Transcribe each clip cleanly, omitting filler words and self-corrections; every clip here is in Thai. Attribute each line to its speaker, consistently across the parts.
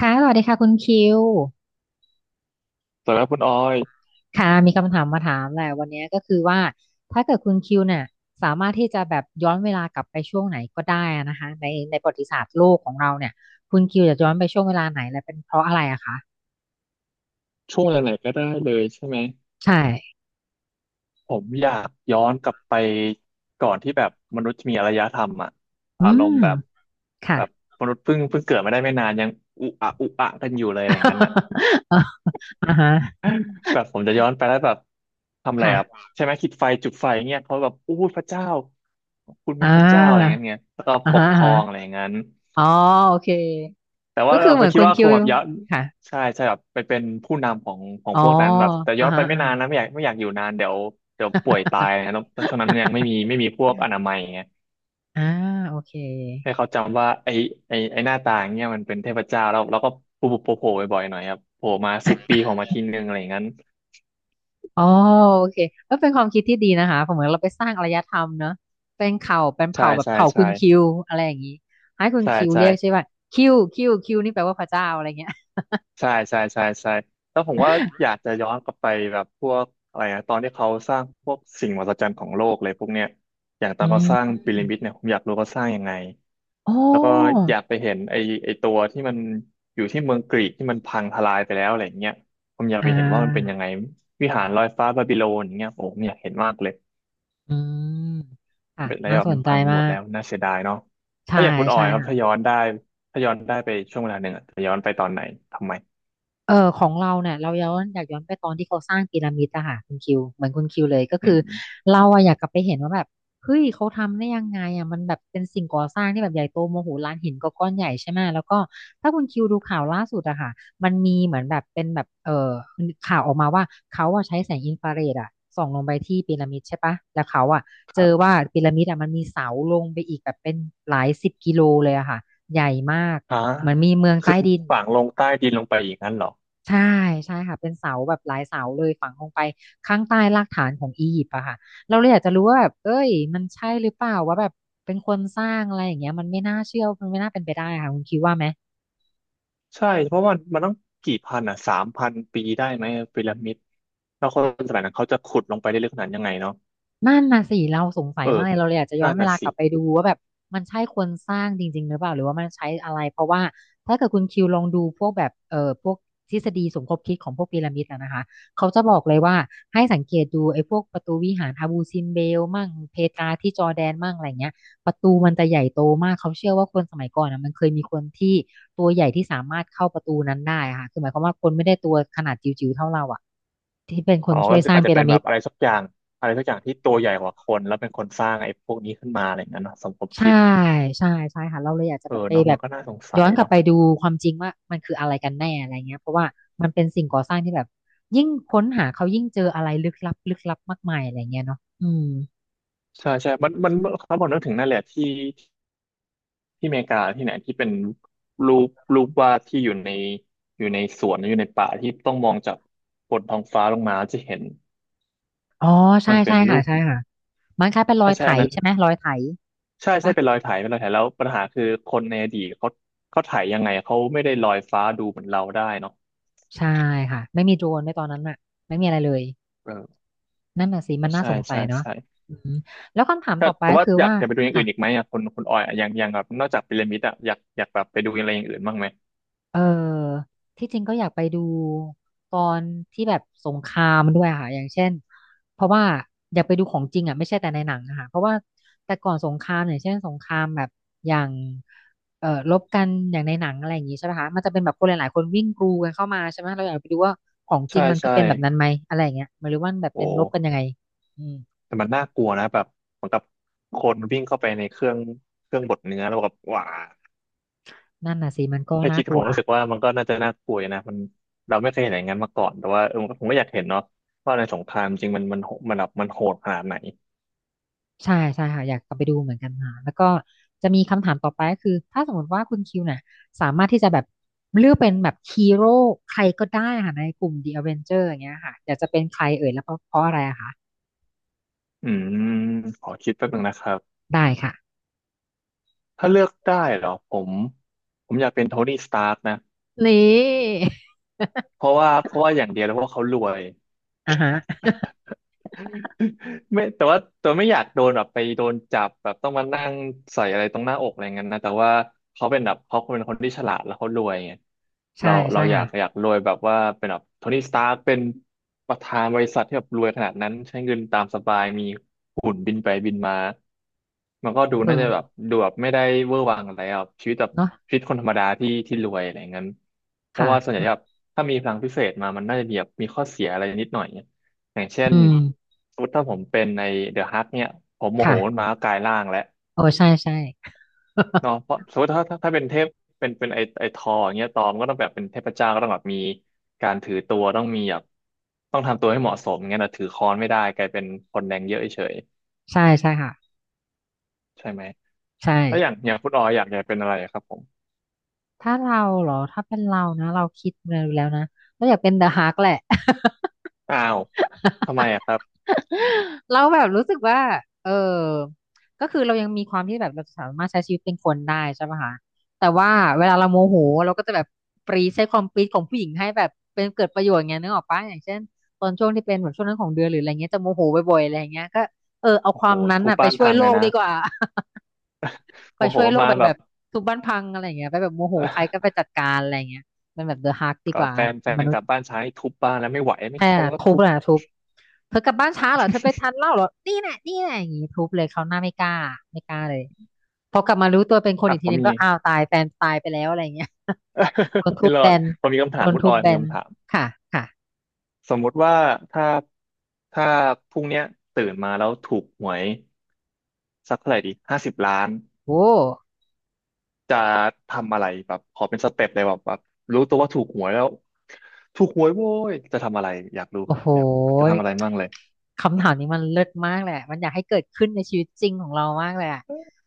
Speaker 1: ค่ะสวัสดีค่ะคุณคิว
Speaker 2: สำหรับคุณออย
Speaker 1: ค่ะ มีคำถามมาถามแหละวันนี้ก็คือว่า ถ้าเกิดคุณคิวเนี่ยสามารถที่จะแบบย้อนเวลากลับไปช่วงไหนก็ได้อะนะคะ ในประวัติศาสตร์โลกของเราเนี่ยคุณคิวจะย้อนไปช่วงเวลาไหนและเป็นเพราะอะไรอะคะ
Speaker 2: ช่วงไหนๆก็ได้เลยใช่ไหม
Speaker 1: ใช่
Speaker 2: ผมอยากย้อนกลับไปก่อนที่แบบมนุษย์มีอารยธรรมอะ
Speaker 1: อื
Speaker 2: อารม
Speaker 1: ม
Speaker 2: ณ์แบบ
Speaker 1: ค่ะ
Speaker 2: แบบมนุษย์เพิ่งเกิดมาได้ไม่นานยังอุอะอุอะกันอยู่เลยอะไรอย่างนั้นน่ะ
Speaker 1: อ่าอฮะ
Speaker 2: แบบผมจะย้อนไปแล้วแบบทำอะไรอ่ะ
Speaker 1: ค่ะ
Speaker 2: ใช่ไหมคิดไฟจุดไฟเงี้ยเขาแบบอู้พระเจ้าคุณ
Speaker 1: อ่
Speaker 2: มันพระเจ้าอะไรอ
Speaker 1: า
Speaker 2: ย่างเงี้ยแล้วก็
Speaker 1: อ่า
Speaker 2: ป
Speaker 1: ฮะ
Speaker 2: กค
Speaker 1: อ่า
Speaker 2: รองอะไรอ
Speaker 1: ฮะ
Speaker 2: ย่างนั้น
Speaker 1: อ๋อโอเค
Speaker 2: แต่
Speaker 1: ก็
Speaker 2: ว่า
Speaker 1: คือ
Speaker 2: เรา
Speaker 1: เห
Speaker 2: ไป
Speaker 1: มือน
Speaker 2: คิด
Speaker 1: คุณ
Speaker 2: ว่าค
Speaker 1: คิว
Speaker 2: งแบบยะ
Speaker 1: ค่ะ
Speaker 2: ใช่ใช่แบบไปเป็นผู้นำของของ
Speaker 1: อ๋อ
Speaker 2: พวกนั้นแบบแต่
Speaker 1: อ่า
Speaker 2: ย้อน
Speaker 1: ฮะ
Speaker 2: ไปไม่
Speaker 1: อ่า
Speaker 2: นา
Speaker 1: ฮะ
Speaker 2: นนะไม่อยากอยู่นานเดี๋ยวเดี๋ยวป่วยตายนะแล้วช่วงนั้นมันยังไม่มี ไม่มีพวกอนามัยไง
Speaker 1: อ่าโอเค
Speaker 2: ให้เขาจำว่าไอหน้าตาอย่างเงี้ยมันเป็นเทพเจ้าแล้วก็โผล่บ่อยๆหน่อยครับโผล่มาสิบปีโผล่มาทีนึงอะไรอย่างนั้น
Speaker 1: อ๋อโอเคเออเป็นความคิดที่ดีนะคะผมเหมือนเราไปสร้างอารยธรรมเนอะเป็นเผ่าเป็น
Speaker 2: ใช่
Speaker 1: เผ่าแบบ
Speaker 2: ใช่
Speaker 1: เผ่าคุ
Speaker 2: ใช่
Speaker 1: ณคิวอะไรอย่างนี้ให้คุณ
Speaker 2: ใช่
Speaker 1: คิว
Speaker 2: ใช่
Speaker 1: เรียกใช่ป่ะคิวนี่แปลว่าพระเจ้าอะไรเงี้ย
Speaker 2: ใช่ใช่ใช่ใช่แล้วผมว่าอยากจะย้อนกลับไปแบบพวกอะไรนะตอนที่เขาสร้างพวกสิ่งมหัศจรรย์ของโลกเลยพวกเนี้ยอย่างตอ
Speaker 1: อื
Speaker 2: นเขาสร้างพีระ
Speaker 1: ม
Speaker 2: มิดเนี่ยผมอยากรู้เขาสร้างยังไง
Speaker 1: โอ้
Speaker 2: แล้วก็อยากไปเห็นไอ้ตัวที่มันอยู่ที่เมืองกรีกที่มันพังทลายไปแล้วอะไรอย่างเงี้ยผมอยาก
Speaker 1: อ่
Speaker 2: ไปเห็นว่ามันเป็นยั
Speaker 1: า
Speaker 2: งไงวิหารลอยฟ้าบาบิโลนอย่างเงี้ยโอ้ผมอยากเห็นมากเลย
Speaker 1: อืมอ่ะ
Speaker 2: เป็นอะไร
Speaker 1: น่า
Speaker 2: แบบ
Speaker 1: ส
Speaker 2: มั
Speaker 1: น
Speaker 2: น
Speaker 1: ใจ
Speaker 2: พังไปห
Speaker 1: มา
Speaker 2: มด
Speaker 1: ก
Speaker 2: แล้วน่าเสียดายเนาะ
Speaker 1: ใช่
Speaker 2: ถ้าอยากคุณออ
Speaker 1: ใช่
Speaker 2: ยครับ
Speaker 1: ค่ะ
Speaker 2: ถ้าย้อนได้ไปช่วงเวลาหนึ่งอะจะย้อนไปตอนไหนทำไม
Speaker 1: เออของเราเนี่ยเราย้อนอยากย้อนไปตอนที่เขาสร้างพีระมิดอะค่ะคุณคิวเหมือนคุณคิวเลยก็
Speaker 2: อื
Speaker 1: คือ
Speaker 2: ม
Speaker 1: เราอะอยากกลับไปเห็นว่าแบบเฮ้ยเขาทำได้ยังไงอะมันแบบเป็นสิ่งก่อสร้างที่แบบใหญ่โตโมโหลานหินก็ก้อนใหญ่ใช่ไหมแล้วก็ถ้าคุณคิวดูข่าวล่าสุดอะค่ะมันมีเหมือนแบบเป็นแบบข่าวออกมาว่าเขาอะใช้แสงอินฟราเรดอะส่องลงไปที่พีระมิดใช่ปะแล้วเขาอะ
Speaker 2: ค
Speaker 1: เจ
Speaker 2: รั
Speaker 1: อ
Speaker 2: บ
Speaker 1: ว่าพีระมิดอะมันมีเสาลงไปอีกแบบเป็นหลายสิบกิโลเลยอะค่ะใหญ่มาก
Speaker 2: ฮะ
Speaker 1: เหมือนมีเมือง
Speaker 2: คื
Speaker 1: ใต้
Speaker 2: อ
Speaker 1: ดิน
Speaker 2: ฝังลงใต้ดินลงไปอย่างนั้นเหรอ
Speaker 1: ใช่ใช่ค่ะเป็นเสาแบบหลายเสาเลยฝังลงไปข้างใต้รากฐานของอียิปต์อะค่ะเราเลยอยากจะรู้ว่าแบบเอ้ยมันใช่หรือเปล่าว่าแบบเป็นคนสร้างอะไรอย่างเงี้ยมันไม่น่าเชื่อมันไม่น่าเป็นไปได้ค่ะคุณคิดว่าไหม
Speaker 2: ใช่เพราะมันต้องกี่พันอ่ะสามพันปีได้ไหมพีระมิดแล้วคนสมัยนั้นเขาจะขุดลงไปได้ลึกขนาดยังไงเนาะ
Speaker 1: นั่นน่ะสิเราสงสั
Speaker 2: เอ
Speaker 1: ย
Speaker 2: อ
Speaker 1: มากเลยเราเลยอยากจะย้อ
Speaker 2: นั่
Speaker 1: น
Speaker 2: น
Speaker 1: เว
Speaker 2: น่ะ
Speaker 1: ลาก
Speaker 2: สิ
Speaker 1: ลับไปดูว่าแบบมันใช่คนสร้างจริงๆหรือเปล่าหรือว่ามันใช้อะไรเพราะว่าถ้าเกิดคุณคิวลองดูพวกแบบพวกทฤษฎีสมคบคิดของพวกพีระมิด้ะนะคะเขาจะบอกเลยว่าให้สังเกตดูไอ้พวกประตูวิหารอาบูซิมเบลมั่งเพตราที่จอร์แดนมั่งอะไรเงี้ยประตูมันจะใหญ่โตมากเขาเชื่อว่าคนสมัยก่อนอะมันเคยมีคนที่ตัวใหญ่ที่สามารถเข้าประตูนั้นได้อะค่ะคือหมายความว่าคนไม่ได้ตัวขนาดจิ๋วๆเท่าเราอะ
Speaker 2: อ๋อก็อาจจะเป็นแบบอะไรสักอย่างอะไรสักอย่างที่ตัวใหญ่กว่าคนแล้วเป็นคนสร้างไอ้พวกนี้ขึ้นมาอะไรอย่างนั้นเนอะสมคม
Speaker 1: ใช่
Speaker 2: คิด
Speaker 1: ใช่ใช่ค่ะเราเลยอยากจะ
Speaker 2: เออ
Speaker 1: แบบไป
Speaker 2: เนาะ
Speaker 1: แบ
Speaker 2: มั
Speaker 1: บ
Speaker 2: นก็น่าสงสั
Speaker 1: ย้อ
Speaker 2: ย
Speaker 1: นกลับ
Speaker 2: เนาะ
Speaker 1: ไปดูความจริงว่ามันคืออะไรกันแน่อะไรเงี้ยเพราะว่ามันเป็นสิ่งก่อสร้างที่แบบยิ่งค้นหาเขายิ่งเจออะไรลึกลับลึกลับมากมายอะไรเงี้ยเนาะอืม
Speaker 2: ใช่ใช่มันถ้าบอกนึกถึงนั่นแหละที่ ที่อเมริกาที่ไหนที่เป็นรูปรูปวาดที่อยู่ในสวนอยู่ในป่าที่ต้องมองจากบนท้องฟ้าลงมาจะเห็น
Speaker 1: อ๋อใช่
Speaker 2: มันเป็
Speaker 1: ใช่
Speaker 2: นรู
Speaker 1: ค่ะ
Speaker 2: ป
Speaker 1: ใช่ค่ะมันคล้ายเป็นรอ
Speaker 2: ใช่
Speaker 1: ยไถ
Speaker 2: ใช่อันนั้น
Speaker 1: ใช่ไหมรอยไถ
Speaker 2: ใช่
Speaker 1: ใช่
Speaker 2: ใช่
Speaker 1: ปะ
Speaker 2: เป็นรอยไถแล้วปัญหาคือคนในอดีตเขาไถยังไงเขาไม่ได้ลอยฟ้าดูเหมือนเราได้เนาะ
Speaker 1: ใช่ค่ะไม่มีโดรนในตอนนั้นอะไม่มีอะไรเลย
Speaker 2: เออ
Speaker 1: นั่นน่ะสิมั
Speaker 2: ก็
Speaker 1: นน่า
Speaker 2: ใช่
Speaker 1: สงสั
Speaker 2: ใช่
Speaker 1: ยเนาะ
Speaker 2: ใช่
Speaker 1: อืมแล้วคำถาม
Speaker 2: ถ้า
Speaker 1: ต่อไป
Speaker 2: แต่
Speaker 1: ก็
Speaker 2: ว่า
Speaker 1: คือ
Speaker 2: อยาก
Speaker 1: ว่า
Speaker 2: อยากไปดูอย่าง
Speaker 1: ค่ะ
Speaker 2: อื่นอีกไหมอ่ะคนออยอ่ะอย่างแบบนอกจากพีระมิดอ่ะอยากแบบไปดูอะไรอย่างอื่นบ้างไหม
Speaker 1: เออที่จริงก็อยากไปดูตอนที่แบบสงครามด้วยอะค่ะอย่างเช่นเพราะว่าอยากไปดูของจริงอ่ะไม่ใช่แต่ในหนังอะค่ะเพราะว่าแต่ก่อนสงครามอย่างเช่นสงครามแบบอย่างรบกันอย่างในหนังอะไรอย่างงี้ใช่ไหมคะมันจะเป็นแบบคนหลายๆคนวิ่งกรูกันเข้ามาใช่ไหมเราอยากไปดูว่าของจริ
Speaker 2: ใช่
Speaker 1: งมันก็
Speaker 2: ใช่
Speaker 1: เป็นแบบนั้นไหมอะไรอย่างเงี้ยหรือว่านแบบเป็
Speaker 2: โอ้
Speaker 1: นรบกันยังไงอืม
Speaker 2: แต่มันน่ากลัวนะแบบเหมือนกับคนวิ่งเข้าไปในเครื่องบดเนื้อแล้วแบบว้า
Speaker 1: นั่นน่ะสิมันก็
Speaker 2: แค่
Speaker 1: น่า
Speaker 2: คิด
Speaker 1: ก
Speaker 2: ผ
Speaker 1: ลัว
Speaker 2: มรู้สึกว่ามันก็น่าจะน่ากลัวอยู่นะมันเราไม่เคยเห็นอย่างนั้นมาก่อนแต่ว่าเออผมก็อยากเห็นเนาะว่าในสงครามจริงมันแบบมันโหดขนาดไหน
Speaker 1: ใช่ใช่ค่ะอยากกลับไปดูเหมือนกันค่ะแล้วก็จะมีคำถามต่อไปก็คือถ้าสมมติว่าคุณคิวน่ะสามารถที่จะแบบเลือกเป็นแบบฮีโร่ใครก็ได้ค่ะในกลุ่ม The Avenger อย่างเงี้ยค่ะอยากจะเป็นใครเอ่ยแล้วเพราะอะไรอะคะ
Speaker 2: อืมขอคิดแป๊บนึงนะครับ
Speaker 1: ได้ค่ะ
Speaker 2: ถ้าเลือกได้เหรอผมผมอยากเป็นโทนี่สตาร์กนะ
Speaker 1: นี่
Speaker 2: เพราะว่าอย่างเดียวแล้วเพราะว่าเขารวย
Speaker 1: อ่าฮะ
Speaker 2: ไม่แต่ว่าตัวไม่อยากโดนแบบไปโดนจับแบบต้องมานั่งใส่อะไรตรงหน้าอกอะไรเงี้ยนะแต่ว่าเขาเป็นแบบเขาเป็นคนที่ฉลาดแล้วเขารวยไง
Speaker 1: ใช่
Speaker 2: เรา
Speaker 1: ใช่
Speaker 2: เราอยากอ
Speaker 1: ค่ะ
Speaker 2: ยากรวยแบบว่าเป็นแบบโทนี่สตาร์คเป็นประธานบริษัทที่แบบรวยขนาดนั้นใช้เงินตามสบายมีหุ่นบินไปบินมามันก็ดูน่าจะแบบ
Speaker 1: เออ
Speaker 2: ดูแบบไม่ได้เวอร์วังอะไรอ่ะชีวิตแบบ
Speaker 1: เนาะ
Speaker 2: ชีวิตคนธรรมดาที่ที่รวยอะไรเงี้ยเพราะ
Speaker 1: ค่ะ
Speaker 2: ว่าส่วนใหญ่แบบถ้ามีพลังพิเศษมามันน่าจะมีแบบมีข้อเสียอะไรนิดหน่อย อย่างเช่น
Speaker 1: อืม
Speaker 2: สมมติถ้าผมเป็นในเดอะฮักเนี่ยผมโมโห
Speaker 1: ค่ะ
Speaker 2: มันมากกลายร่างแล้ว
Speaker 1: โอ้ใช่ใช่
Speaker 2: เนาะเพ ราะสมมติถ้าเป็นเทพเป็นไอทออย่างเงี้ยตอมก็ต้องแบบเป็นเทพเจ้าก็ต้องแบบมีการถือตัวต้องมีแบบต้องทำตัวให้เหมาะสมงั้นนะถือค้อนไม่ได้กลายเป็นคนแดงเยอะเฉย
Speaker 1: ใช่ใช่ค่ะ
Speaker 2: ใช่ไหม
Speaker 1: ใช่
Speaker 2: แล้วอย่างคุณออยอยากเป็นอะไรครับผม
Speaker 1: ถ้าเราเหรอถ้าเป็นเรานะเราคิดมาแล้วนะเราอยากเป็นเดอะฮาร์กแหละ
Speaker 2: อ้าวทำไมอะครับ
Speaker 1: เราแบบรู้สึกว่าเออก็คือเรายังมีความที่แบบเราสามารถใช้ชีวิตเป็นคนได้ใช่ปะคะแต่ว่าเวลาเราโมโหเราก็จะแบบปรีใช้ความปรีดของผู้หญิงให้แบบเป็นเกิดประโยชน์ไงนึกออกปะอย่างเช่นตอนช่วงที่เป็นแบบช่วงนั้นของเดือนหรืออะไรเงี้ยจะโมโหบ่อยๆอะไรอย่างเงี้ยก็เออเอา
Speaker 2: โอ้
Speaker 1: ควา
Speaker 2: โห
Speaker 1: มนั้น
Speaker 2: ทุบ
Speaker 1: อ่ะไป
Speaker 2: บ้าน
Speaker 1: ช่วย
Speaker 2: พัง
Speaker 1: โล
Speaker 2: เลย
Speaker 1: ก
Speaker 2: นะ
Speaker 1: ดีกว่า ไป
Speaker 2: โมโห
Speaker 1: ช่วย
Speaker 2: น
Speaker 1: โลก
Speaker 2: มา
Speaker 1: ไป
Speaker 2: แบ
Speaker 1: แบ
Speaker 2: บ
Speaker 1: บทุบบ้านพังอะไรอย่างเงี้ยไปแบบโมโหใครก็ไปจั ดการอะไรอย่างเงี้ยมันแบบเดอะฮาร์กดีก
Speaker 2: กับ
Speaker 1: ว่า
Speaker 2: แฟน
Speaker 1: มนุ
Speaker 2: ก
Speaker 1: ษ
Speaker 2: ลับ
Speaker 1: ย์
Speaker 2: บ้านช้าให้ทุบบ้านแล้วไม่ไหวไม่ท
Speaker 1: แค่
Speaker 2: นแล้ว
Speaker 1: ทุบ
Speaker 2: ทุบ
Speaker 1: แหละทุบ เธอกลับบ้านช้าเหรอเธอไปทานเหล้าเหรอนี่แหละนี่แหละอย่างงี้ทุบเลยเขาวหน้าไม่กล้าไม่กล้าเลยพอกลับมารู้ตัวเป็นคน
Speaker 2: อ่ะ
Speaker 1: อีก
Speaker 2: ผ
Speaker 1: ที
Speaker 2: ม
Speaker 1: นึง
Speaker 2: มี
Speaker 1: ก็อ้าวตายแฟนตายไปแล้วอะไรอย่างเงี้ย โดน ทุ
Speaker 2: ไม่
Speaker 1: บ
Speaker 2: ร
Speaker 1: แบ
Speaker 2: อด
Speaker 1: น
Speaker 2: ผมมีคำ
Speaker 1: โด
Speaker 2: ถาม
Speaker 1: น
Speaker 2: คุณ
Speaker 1: ทุ
Speaker 2: อ
Speaker 1: บ
Speaker 2: อย
Speaker 1: แบ
Speaker 2: มี
Speaker 1: น
Speaker 2: คำถาม
Speaker 1: ค่ะค่ะ
Speaker 2: สมมุติว่าถ้าถ้าพรุ่งเนี้ยตื่นมาแล้วถูกหวยสักเท่าไหร่ดีห้าสิบล้าน
Speaker 1: โอ้
Speaker 2: จะทำอะไรแบบขอเป็นสเต็ปเลยแบบรู้ตัวว่าถูกหวยแล้วถูกหวยโว้ยจะทำอะไรอยากรู้
Speaker 1: โอ้
Speaker 2: ครับ
Speaker 1: โห
Speaker 2: อยากรู้จะทำอะไรบ้างเลย
Speaker 1: คำถามนี้มันเลิศมากแหลยอะมันอยากให้เกิดขึ้นในชีวิตจริงของเรามากเลยอะ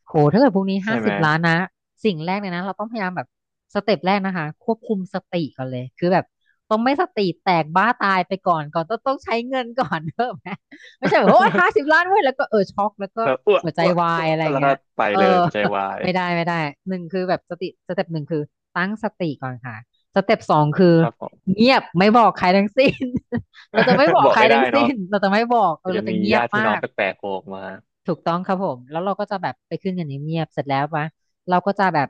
Speaker 1: โหถ้าเกิดพรุ่งนี้
Speaker 2: ใช่
Speaker 1: ห้า
Speaker 2: ไห
Speaker 1: สิ
Speaker 2: ม
Speaker 1: บล้าน นะสิ่งแรกเลยนะเราต้องพยายามแบบสเต็ปแรกนะคะ ควบคุมสติก่อนเลยคือแบบต้องไม่สติแตกบ้าตายไปก่อนต้องใช้เงินก่อน เนอะไหมไม่ใช่แบบโอ้ยห้าสิบล้านเว้ย แล้วก็เออช็อกแล้วก็
Speaker 2: แบอ้วก
Speaker 1: หัวใจ
Speaker 2: อ้วก
Speaker 1: วา
Speaker 2: อ้ว
Speaker 1: ย
Speaker 2: ก
Speaker 1: อะไรอย่าง
Speaker 2: แล้ว
Speaker 1: เงี้
Speaker 2: ก็
Speaker 1: ย
Speaker 2: ไป
Speaker 1: เออ
Speaker 2: เลยหัวใจวา ย
Speaker 1: ไม่ได้ไม่ได้หนึ่งคือแบบสติสเต็ปหนึ่งคือตั้งสติก่อนค่ะสเต็ปสองคือ
Speaker 2: ครับผม
Speaker 1: เงียบไม่บอกใครทั้งสิ้น เราจะไม่บอ ก
Speaker 2: บอก
Speaker 1: ใคร
Speaker 2: ไม่ได้
Speaker 1: ทั้ง
Speaker 2: เนาะ
Speaker 1: สิ้น เราจะไม่บอกเอ
Speaker 2: อาจ
Speaker 1: อ
Speaker 2: จะ
Speaker 1: เราจะ
Speaker 2: มี
Speaker 1: เงีย
Speaker 2: ญา
Speaker 1: บ
Speaker 2: ติพี่น้
Speaker 1: มา
Speaker 2: อง
Speaker 1: ก
Speaker 2: แปลกๆโผล่ออกมา
Speaker 1: ถูกต้องครับผม แล้วเราก็จะแบบไปขึ้นกันเงียบๆเสร็จแล้วปะเราก็จะแบบ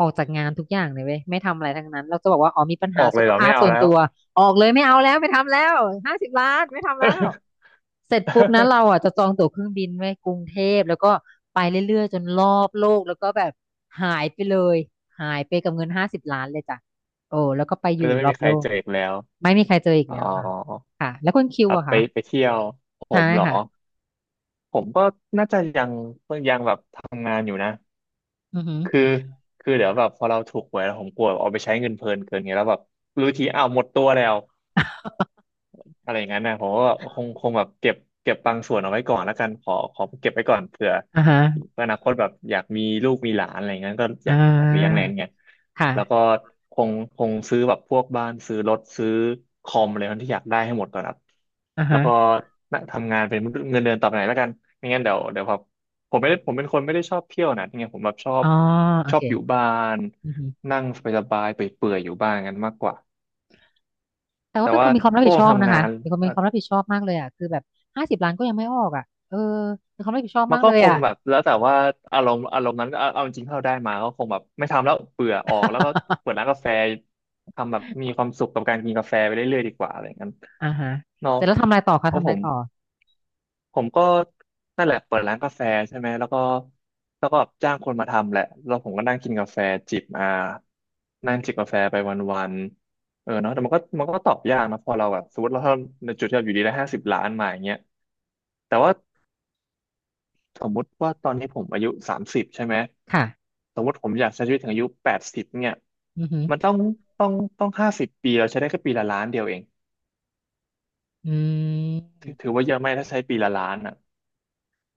Speaker 1: ออกจากงานทุกอย่างเลยเว้ยไม่ทำอะไรทั้งนั้น เราจะบอกว่าอ๋อมีปัญ
Speaker 2: อ
Speaker 1: หา
Speaker 2: อกเล
Speaker 1: สุ
Speaker 2: ย
Speaker 1: ข
Speaker 2: เหรอ
Speaker 1: ภา
Speaker 2: ไม่
Speaker 1: พ
Speaker 2: เอา
Speaker 1: ส่วน
Speaker 2: แล้ว
Speaker 1: ตัวออกเลยไม่เอาแล้วไม่ทำแล้วห้าสิบล้านไม่ทำแล้วเสร็จปุ๊บนะเรา อ่ะจะจองตั๋วเครื่องบินไว้กรุงเทพแล้วก็ไปเรื่อยๆจนรอบโลกแล้วก็แบบหายไปเลยหายไปกับเงินห้าสิบล้านเลยจ้ะโอ้แล้วก็ไปอ
Speaker 2: ก็
Speaker 1: ยู่
Speaker 2: จะไม่
Speaker 1: รอ
Speaker 2: มี
Speaker 1: บ
Speaker 2: ใคร
Speaker 1: โลก
Speaker 2: เจออีกแล้ว
Speaker 1: ไม่มีใครเจออีก
Speaker 2: อ๋อ
Speaker 1: แล้วค่ะค่ะแล้วคุณคิ
Speaker 2: ค
Speaker 1: ว
Speaker 2: รับ
Speaker 1: อะ
Speaker 2: ไป
Speaker 1: คะ
Speaker 2: ไปเที่ยวผ
Speaker 1: ใช่
Speaker 2: มเหรอ
Speaker 1: ค่ะ
Speaker 2: ผมก็น่าจะยังแบบทำงานอยู่นะ
Speaker 1: อือหือ
Speaker 2: คือคือเดี๋ยวแบบพอเราถูกหวยแล้วผมกลัวเอาไปใช้เงินเพลินเกินไงแล้วแบบรู้ทีอ้าวหมดตัวแล้ว อะไรอย่างนั้นนะผมก็คงแบบเก็บเก็บบางส่วนเอาไว้ก่อนแล้วกันขอเก็บไว้ก่อนเผื่อ
Speaker 1: อ่าฮะ
Speaker 2: อนาคตแบบอยากมีลูกมีหลานอะไรอย่างนั้นก็อ
Speaker 1: อ่
Speaker 2: ยากอยากเลี้ยงอะไร
Speaker 1: า
Speaker 2: อย่างเงี้ยแล้วก็
Speaker 1: ค่ะ
Speaker 2: คงคงซื้อแบบพวกบ้านซื้อรถซื้อคอมอะไรที่อยากได้ให้หมดก่อนครับ
Speaker 1: อ่า
Speaker 2: แล้ว
Speaker 1: ฮะ
Speaker 2: ก็น่ะทำงานเป็นเงินเดือนต่อไปไหนแล้วกันไม่งั้นเดี๋ยวแบบผมไม่ได้ผมเป็นคนไม่ได้ชอบเที่ยวนะที่ไงผมแบบชอ
Speaker 1: อ๋
Speaker 2: บ
Speaker 1: อโอ
Speaker 2: ชอ
Speaker 1: เค
Speaker 2: บอยู่บ้าน
Speaker 1: อือฮึ
Speaker 2: นั่งสบายๆเปื่อยๆอยู่บ้านกันมากกว่า
Speaker 1: แต่
Speaker 2: แต่
Speaker 1: ว่าเป็นค
Speaker 2: ว่า
Speaker 1: นมีความรับ
Speaker 2: ก็
Speaker 1: ผิด
Speaker 2: ค
Speaker 1: ช
Speaker 2: ง
Speaker 1: อบ
Speaker 2: ทำ
Speaker 1: นะ
Speaker 2: งา
Speaker 1: คะ
Speaker 2: น
Speaker 1: เป็นคนมีความรับผิดชอบมากเลยอ่ะคือแบบห้าสิบล้านก็ยังไม่ออกอ่ะเออเป็นความรับผิดชอบ
Speaker 2: มัน
Speaker 1: มาก
Speaker 2: ก็
Speaker 1: เลย
Speaker 2: คง
Speaker 1: อ่ะ
Speaker 2: แบบแล้วแต่ว่าอารมณ์นั้นเอาจริงๆถ้าเราได้มาก็คงแบบไม่ทำแล้วเบื่อออกแล้วก็เปิด ร้านกาแฟทำแบบมีความสุขกับการกินกาแฟไปเรื่อยๆดีกว่าอะไรอย่างนั้น
Speaker 1: อ่าฮะ
Speaker 2: เนาะ
Speaker 1: เสร็จแล้วทำอะไรต่อคะ
Speaker 2: เพ
Speaker 1: ทำ
Speaker 2: ราะ
Speaker 1: อะ
Speaker 2: ผ
Speaker 1: ไร
Speaker 2: ม
Speaker 1: ต่อ
Speaker 2: ผมก็นั่นแหละเปิดร้านกาแฟใช่ไหมแล้วก็แล้วก็จ้างคนมาทำแหละแล้วผมก็นั่งกินกาแฟจิบอ่านั่งจิบกาแฟไปวันๆเออเนาะแต่มันก็ตอบยากนะพอเราแบบสมมติเราถ้าในจุดที่เราอยู่ดีได้ห้าสิบล้านมาอย่างเงี้ยแต่ว่า สมมุติว่าตอนนี้ผมอายุ30ใช่ไหม
Speaker 1: ค่ะ
Speaker 2: สมมติผมอยากใช้ชีวิตถึงอายุ80เนี่ย
Speaker 1: อือหือ
Speaker 2: มันต้องต้องต้อง50 ปีเราใช้ได้แค่ปีละล้านเดียวเอง
Speaker 1: อื
Speaker 2: ถื
Speaker 1: ม
Speaker 2: อถือว่าเยอะไหมถ้าใช้ปีละล้านอ่ะ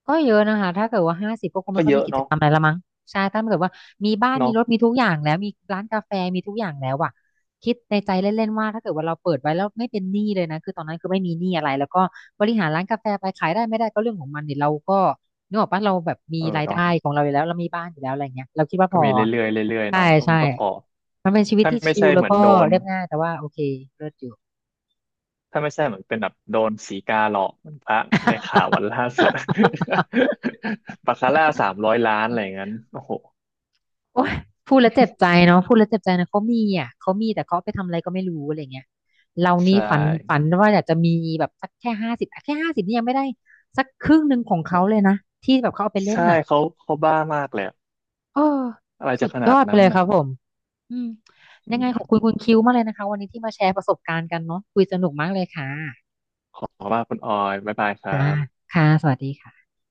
Speaker 1: ก็เยอะนะคะถ้าเกิดว่าห้าสิบก็คงไม่
Speaker 2: ก็
Speaker 1: ค่อ
Speaker 2: เย
Speaker 1: ยมี
Speaker 2: อะ
Speaker 1: กิจ
Speaker 2: เนาะ
Speaker 1: กรรมอะไรละมั้งใช่ถ้าเกิดว่ามีบ้านมี
Speaker 2: เนาะ
Speaker 1: รถมีทุกอย่างแล้วมีร้านกาแฟมีทุกอย่างแล้วอะคิดในใจเล่นๆว่าถ้าเกิดว่าเราเปิดไว้แล้วไม่เป็นหนี้เลยนะคือตอนนั้นคือไม่มีหนี้อะไรแล้วก็บริหารร้านกาแฟไปขายได้ไม่ได้ก็เรื่องของมันเนี่ยเราก็นึกออกปะเราแบบมี
Speaker 2: เออ
Speaker 1: ราย
Speaker 2: เน้อง
Speaker 1: ได้ของเราอยู่แล้วเรามีบ้านอยู่แล้วอะไรเงี้ยเราคิดว่า
Speaker 2: ก็
Speaker 1: พอ
Speaker 2: มีเรื่อยๆเรื่อยๆ
Speaker 1: ใช่
Speaker 2: เนาะ
Speaker 1: ใช่
Speaker 2: มันก็พอ
Speaker 1: มันเป็นชีวิต
Speaker 2: ถ้า
Speaker 1: ที่
Speaker 2: ไม่
Speaker 1: ชิล
Speaker 2: ใช่
Speaker 1: แล้
Speaker 2: เห
Speaker 1: ว
Speaker 2: มือน
Speaker 1: ก็
Speaker 2: โดน
Speaker 1: เรียบง่ายแต่ว่าโอเคเลิศอยู่
Speaker 2: ถ้าไม่ใช่เหมือนเป็นแบบโดนสีกาหลอกเหมือนพระในข่าววันล่าสุด บาคาร่า300 ล้านอะไรอย่างนั้นโอ้โห
Speaker 1: โอ้ยพูดแล้วเจ็บใจเนาะพูดแล้วเจ็บใจนะเขามีอ่ะเขามีแต่เขาเอาไปทำอะไรก็ไม่รู้อะไรเงี้ยเรานี่
Speaker 2: ใช่
Speaker 1: ฝันว่าอยากจะมีแบบสักแค่ห้าสิบแค่ห้าสิบนี่ยังไม่ได้สักครึ่งหนึ่งของเขาเลยนะที่แบบเขาเอาไปเล่น
Speaker 2: ใช่
Speaker 1: น่ะ
Speaker 2: เขาบ้ามากเลย
Speaker 1: เออ
Speaker 2: อะไร
Speaker 1: สุ
Speaker 2: จะ
Speaker 1: ด
Speaker 2: ข
Speaker 1: ย
Speaker 2: นา
Speaker 1: อ
Speaker 2: ด
Speaker 1: ดไป
Speaker 2: นั้น
Speaker 1: เลยค
Speaker 2: นะ
Speaker 1: รับผมอืม
Speaker 2: อื
Speaker 1: ยังไงขอบคุณ
Speaker 2: ม
Speaker 1: คุณคิวมากเลยนะคะวันนี้ที่มาแชร์ประสบการณ์กันเนาะคุยสนุกมากเลยค่ะ
Speaker 2: ขอว่าคุณออยบ๊ายบายครั
Speaker 1: ค่ะ
Speaker 2: บ
Speaker 1: ค่ะสวัสดีค่ะ